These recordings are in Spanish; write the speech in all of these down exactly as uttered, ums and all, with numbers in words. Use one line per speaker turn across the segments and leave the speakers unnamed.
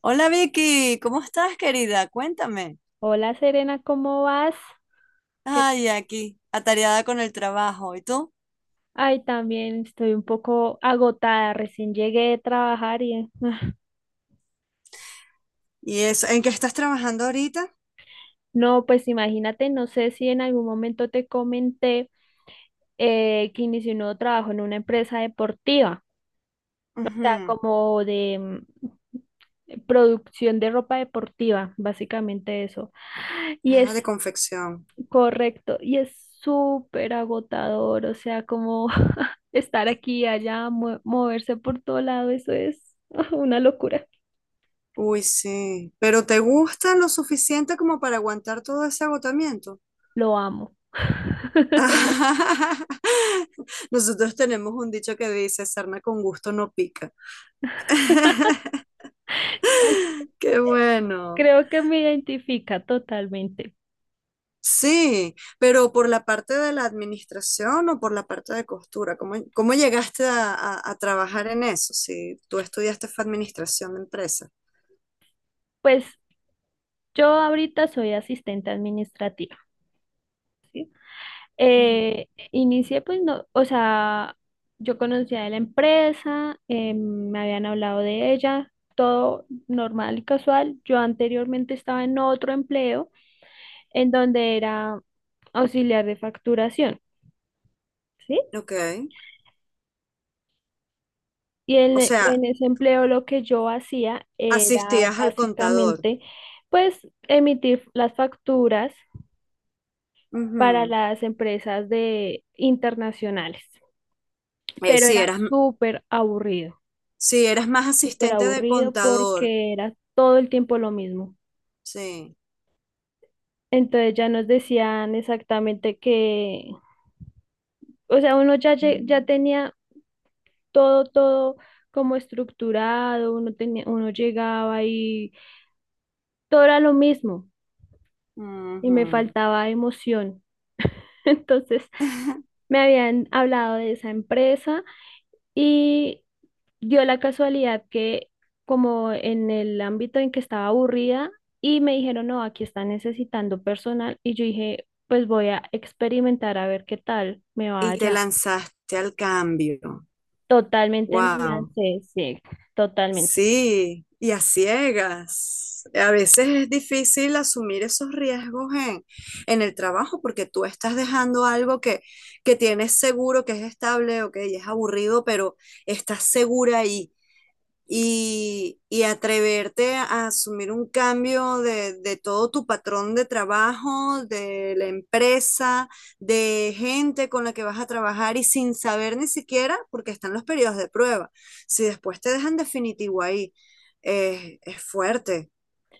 Hola Vicky, ¿cómo estás, querida? Cuéntame.
Hola Serena, ¿cómo vas? ¿Qué-
Ay, aquí, atareada con el trabajo. ¿Y tú?
Ay, también estoy un poco agotada, recién llegué de trabajar y ah,
¿Y eso? ¿En qué estás trabajando ahorita?
no, pues imagínate, no sé si en algún momento te comenté eh, que inicié un nuevo trabajo en una empresa deportiva, o sea,
Ujú.
como de mm, producción de ropa deportiva, básicamente eso. Y es
Ah, de confección.
Correcto, y es súper agotador, o sea, como estar aquí, y allá, mue- moverse por todo lado, eso es una locura.
Uy, sí. ¿Pero te gusta lo suficiente como para aguantar todo ese agotamiento?
Lo amo.
Nosotros tenemos un dicho que dice, sarna con gusto no pica.
Es-
Qué bueno.
Creo que me identifica totalmente.
Sí, pero por la parte de la administración o por la parte de costura, ¿cómo, cómo llegaste a, a- a trabajar en eso. Si tú estudiaste fue administración de empresas.
Pues yo ahorita soy asistente administrativa.
Ujú.
Eh, inicié pues no, o sea, yo conocía de la empresa, eh, me habían hablado de ella, todo normal y casual. Yo anteriormente estaba en otro empleo en donde era auxiliar de facturación, ¿sí?
Ok,
Y en,
o sea,
en ese empleo lo que yo hacía era
asistías al contador.
básicamente, pues, emitir las facturas para
Ujú.
las empresas de internacionales.
Eh,
Pero
sí,
era
eras,
súper aburrido,
sí, eras más
súper
asistente de
aburrido
contador,
porque era todo el tiempo lo mismo.
sí.
Entonces ya nos decían exactamente que, o sea, uno ya, lle- ya tenía todo, todo como estructurado, uno tenía, uno llegaba y todo era lo mismo y me
Ujú.
faltaba emoción. Entonces me habían hablado de esa empresa y dio la casualidad que como en el ámbito en que estaba aburrida y me dijeron, no, aquí está necesitando personal y yo dije, pues voy a experimentar a ver qué tal me va
Y te
allá.
lanzaste al cambio.
Totalmente me
Wow.
lancé, sí, totalmente.
Sí, y a ciegas. A veces es difícil asumir esos riesgos en, en el trabajo porque tú estás dejando algo que, que tienes seguro, que es estable, ok, es aburrido, pero estás segura ahí y, y atreverte a asumir un cambio de, de todo tu patrón de trabajo, de la empresa, de gente con la que vas a trabajar y sin saber ni siquiera, porque están los periodos de prueba, si después te dejan definitivo ahí, eh, es fuerte,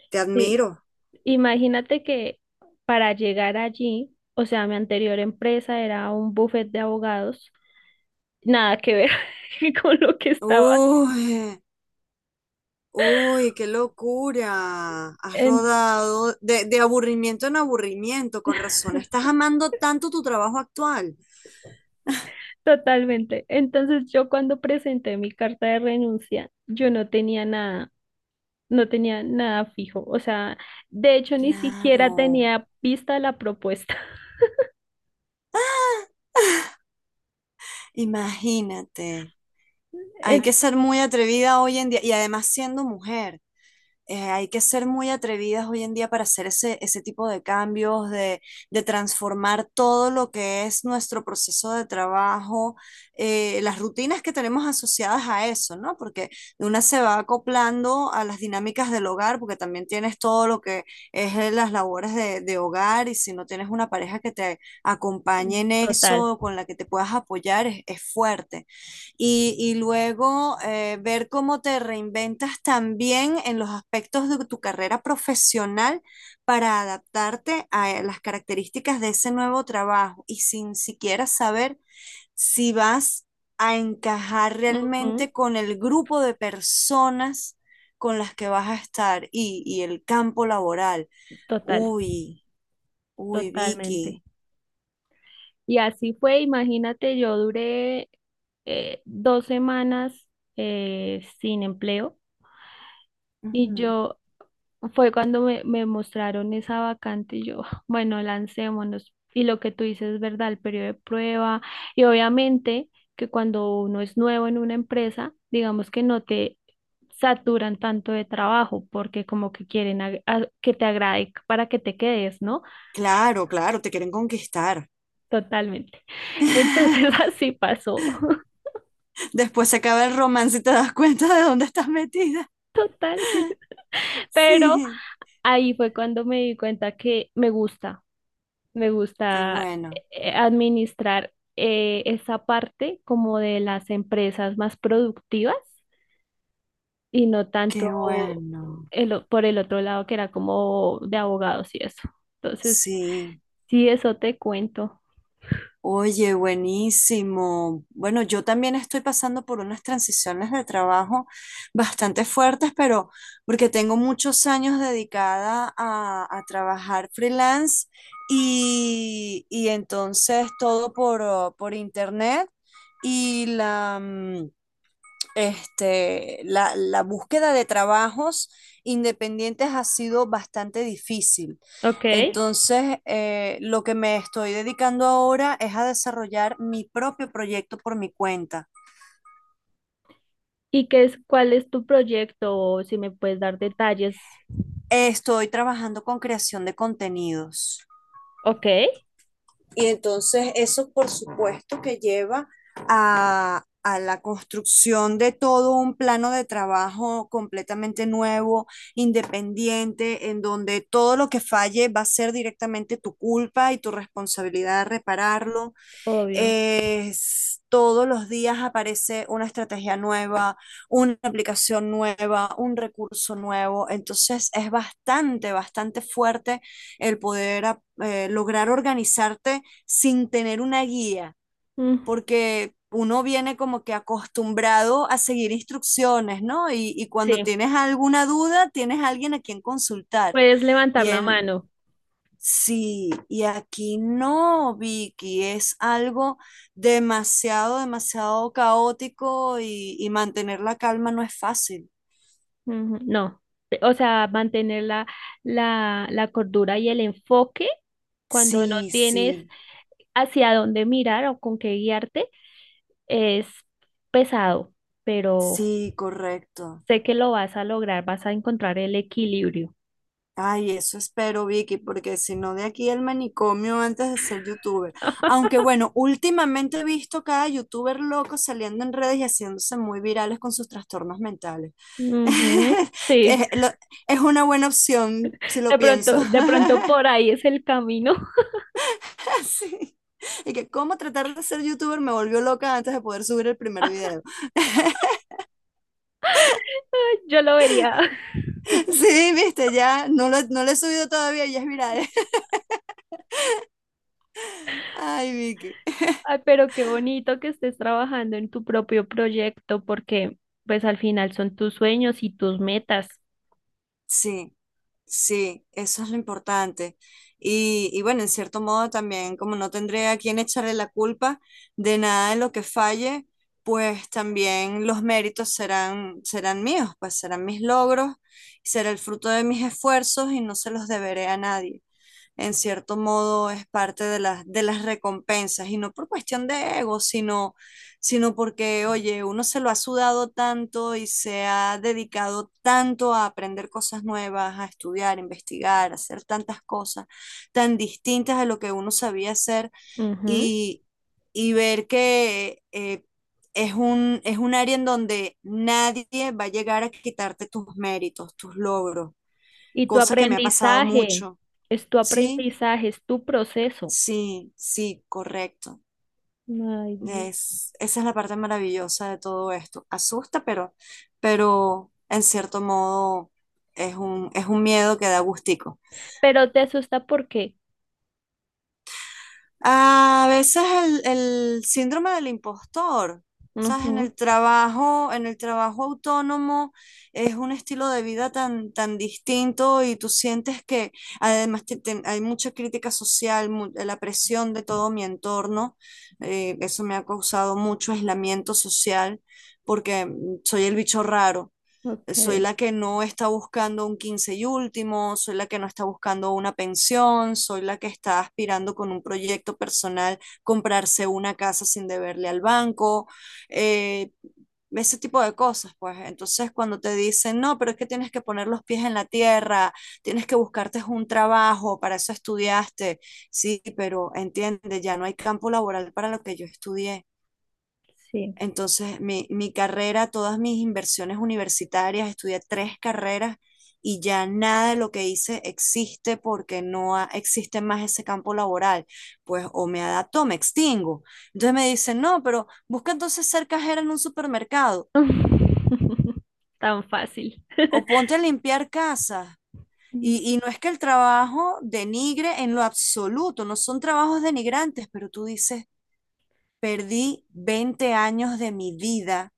te
Sí,
admiro.
imagínate que para llegar allí, o sea, mi anterior empresa era un buffet de abogados, nada que ver con lo que estaba.
Uy, uy, qué locura. Has rodado de, de aburrimiento en aburrimiento, con razón. Estás amando tanto tu trabajo actual.
Totalmente. Entonces yo cuando presenté mi carta de renuncia, yo no tenía nada, no tenía nada fijo. O sea, de hecho ni siquiera
Claro,
tenía vista la propuesta.
imagínate. Hay que
En
ser muy atrevida hoy en día y además siendo mujer. Eh, hay que ser muy atrevidas hoy en día para hacer ese, ese tipo de cambios, de, de transformar todo lo que es nuestro proceso de trabajo, eh, las rutinas que tenemos asociadas a eso, ¿no? Porque una se va acoplando a las dinámicas del hogar, porque también tienes todo lo que es eh, las labores de, de hogar, y si no tienes una pareja que te acompañe en
Total.
eso, con la que te puedas apoyar, es, es fuerte, y, y luego eh, ver cómo te reinventas también en los aspectos de tu carrera profesional para adaptarte a las características de ese nuevo trabajo y sin siquiera saber si vas a encajar
Ujú,
realmente con el grupo de personas con las que vas a estar, y, y el campo laboral.
total,
Uy, uy,
totalmente.
Vicky.
Y así fue, imagínate, yo duré eh, dos semanas eh, sin empleo y
Ujú.
yo Fue cuando me, me mostraron esa vacante y yo, bueno, lancémonos. Y lo que tú dices es verdad, el periodo de prueba. Y obviamente que cuando uno es nuevo en una empresa, digamos que no te saturan tanto de trabajo porque como que quieren ag- a- que te agrade para que te quedes, ¿no?
Claro, claro, te quieren conquistar.
Totalmente. Entonces así pasó,
Después se acaba el romance y te das cuenta de dónde estás metida.
total. Pero
Sí,
ahí fue cuando me di cuenta que me gusta. Me
qué
gusta
bueno,
eh, administrar eh, esa parte como de las empresas más productivas y no
qué
tanto
bueno.
el o- por el otro lado que era como de abogados y eso. Entonces,
Sí.
sí, eso te cuento.
Oye, buenísimo. Bueno, yo también estoy pasando por unas transiciones de trabajo bastante fuertes, pero porque tengo muchos años dedicada a, a trabajar freelance y, y entonces todo por, uh, por internet y la... mm, este, la, la búsqueda de trabajos independientes ha sido bastante difícil.
Ok.
Entonces, eh, lo que me estoy dedicando ahora es a desarrollar mi propio proyecto por mi cuenta.
¿Y qué es, cuál es tu proyecto? O si me puedes dar detalles.
Estoy trabajando con creación de contenidos.
Ok.
Y entonces eso, por supuesto, que lleva a, a la construcción de todo un plano de trabajo completamente nuevo, independiente, en donde todo lo que falle va a ser directamente tu culpa y tu responsabilidad de repararlo
Obvio.
es, Todos los días aparece una estrategia nueva, una aplicación nueva, un recurso nuevo. Entonces es bastante, bastante fuerte el poder a- eh, lograr organizarte sin tener una guía,
Mm,
porque uno viene como que acostumbrado a seguir instrucciones, ¿no? Y, y cuando
sí,
tienes alguna duda, tienes alguien a quien consultar.
puedes levantar
Y
la
en,
mano.
Sí, y aquí no, Vicky, es algo demasiado, demasiado caótico, y, y mantener la calma no es fácil.
Ujú, no, te- o sea, mantener la, la, la cordura y el enfoque cuando no
Sí,
tienes
sí,
hacia dónde mirar o con qué guiarte es pesado, pero
sí, correcto.
sé que lo vas a lograr, vas a encontrar el equilibrio.
Ay, eso espero, Vicky, porque si no, de aquí el manicomio antes de ser youtuber. Aunque bueno, últimamente he visto cada youtuber loco saliendo en redes y haciéndose muy virales con sus trastornos mentales.
Ujú, sí,
Es, lo- es una buena opción, si lo
de
pienso.
pronto, de pronto por ahí es el camino.
Sí. Y que cómo tratar de ser youtuber me volvió loca antes de poder subir el primer video.
Yo lo vería.
Sí, viste, ya no lo, no lo he subido todavía, ya es viral. Ay, Vicky.
Ay, pero qué bonito que estés trabajando en tu propio proyecto porque pues al final son tus sueños y tus metas.
Sí, sí, eso es lo importante. Y, y bueno, en cierto modo también, como no tendré a quien echarle la culpa de nada de lo que falle, pues también los méritos serán, serán míos, pues serán mis logros, será el fruto de mis esfuerzos y no se los deberé a nadie. En cierto modo es parte de las, de las recompensas, y no por cuestión de ego, sino, sino porque, oye, uno se lo ha sudado tanto y se ha dedicado tanto a aprender cosas nuevas, a estudiar, investigar, a hacer tantas cosas tan distintas a lo que uno sabía hacer,
Ujú.
y, y ver que... eh, es un, es un área en donde nadie va a llegar a quitarte tus méritos, tus logros,
Y tu
cosa que me ha pasado
aprendizaje,
mucho,
es tu
¿sí?
aprendizaje, es tu proceso.
Sí, sí, correcto.
Ay, Dios.
Es, esa es la parte maravillosa de todo esto. Asusta, pero, pero en cierto modo es un, es un miedo que da gustico.
Pero te asusta porque,
A veces el, el síndrome del impostor, ¿sabes? En el
ujú,
trabajo, en el trabajo autónomo es un estilo de vida tan, tan distinto, y tú sientes que además te- te- hay mucha crítica social, mu- la presión de todo mi entorno, eh, eso me ha causado mucho aislamiento social porque mm, soy el bicho raro,
ok,
soy la que no está buscando un quince y último, soy la que no está buscando una pensión, soy la que está aspirando con un proyecto personal comprarse una casa sin deberle al banco, eh, ese tipo de cosas, pues. Entonces, cuando te dicen, no, pero es que tienes que poner los pies en la tierra, tienes que buscarte un trabajo, para eso estudiaste, sí, pero entiende, ya no hay campo laboral para lo que yo estudié.
sí.
Entonces, mi, mi carrera, todas mis inversiones universitarias, estudié tres carreras, y ya nada de lo que hice existe porque no ha- existe más ese campo laboral. Pues o me adapto o me extingo. Entonces me dicen, no, pero busca entonces ser cajera en un supermercado
Tan fácil.
o ponte a limpiar casas.
Mm,
Y, y no es que el trabajo denigre en lo absoluto, no son trabajos denigrantes, pero tú dices, perdí veinte años de mi vida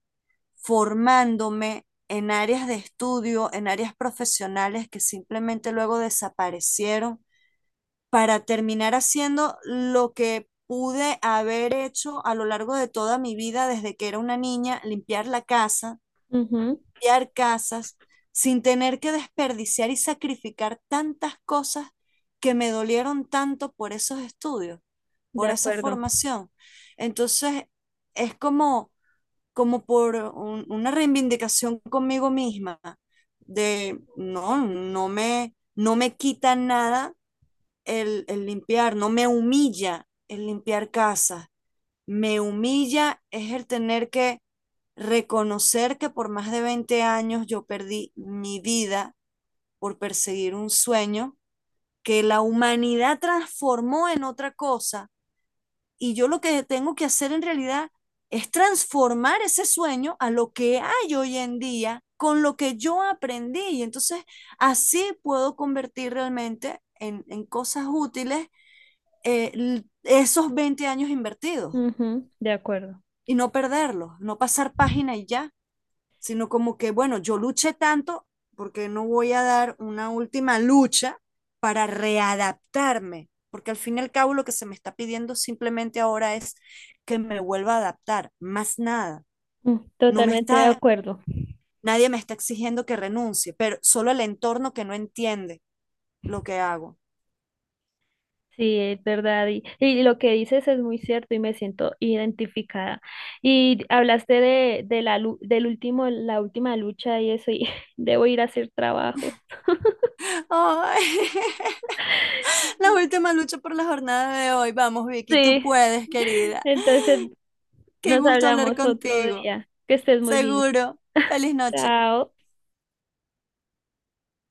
formándome en áreas de estudio, en áreas profesionales que simplemente luego desaparecieron para terminar haciendo lo que pude haber hecho a lo largo de toda mi vida desde que era una niña, limpiar la casa,
ujú,
limpiar casas, sin tener que desperdiciar y sacrificar tantas cosas que me dolieron tanto por esos estudios,
de
por esa
acuerdo.
formación. Entonces, es como como por un- una reivindicación conmigo misma de no, no me, no me quita nada el, el limpiar, no me humilla el limpiar casa, me humilla es el tener que reconocer que por más de veinte años yo perdí mi vida por perseguir un sueño que la humanidad transformó en otra cosa, y yo lo que tengo que hacer en realidad es transformar ese sueño a lo que hay hoy en día con lo que yo aprendí. Y entonces así puedo convertir realmente en, en cosas útiles, eh, esos veinte años invertidos
Ujú, de acuerdo.
y no perderlos, no pasar página y ya, sino como que, bueno, yo luché tanto, porque no voy a dar una última lucha para readaptarme, porque al fin y al cabo lo que se me está pidiendo simplemente ahora es que me vuelva a adaptar, más nada.
Mm.
No me
Totalmente de
está,
acuerdo.
nadie me está exigiendo que renuncie, pero solo el entorno que no entiende lo que hago.
Sí, es verdad. Y, y lo que dices es muy cierto y me siento identificada. Y hablaste de, de la, lu- del último, la última lucha y eso, y debo ir a hacer trabajo.
Ay, la última lucha por la jornada de hoy. Vamos, Vicky, tú
Sí.
puedes, querida.
Entonces
Qué
nos
gusto hablar
hablamos otro
contigo.
día. Que estés muy bien.
Seguro. Feliz noche.
Chao.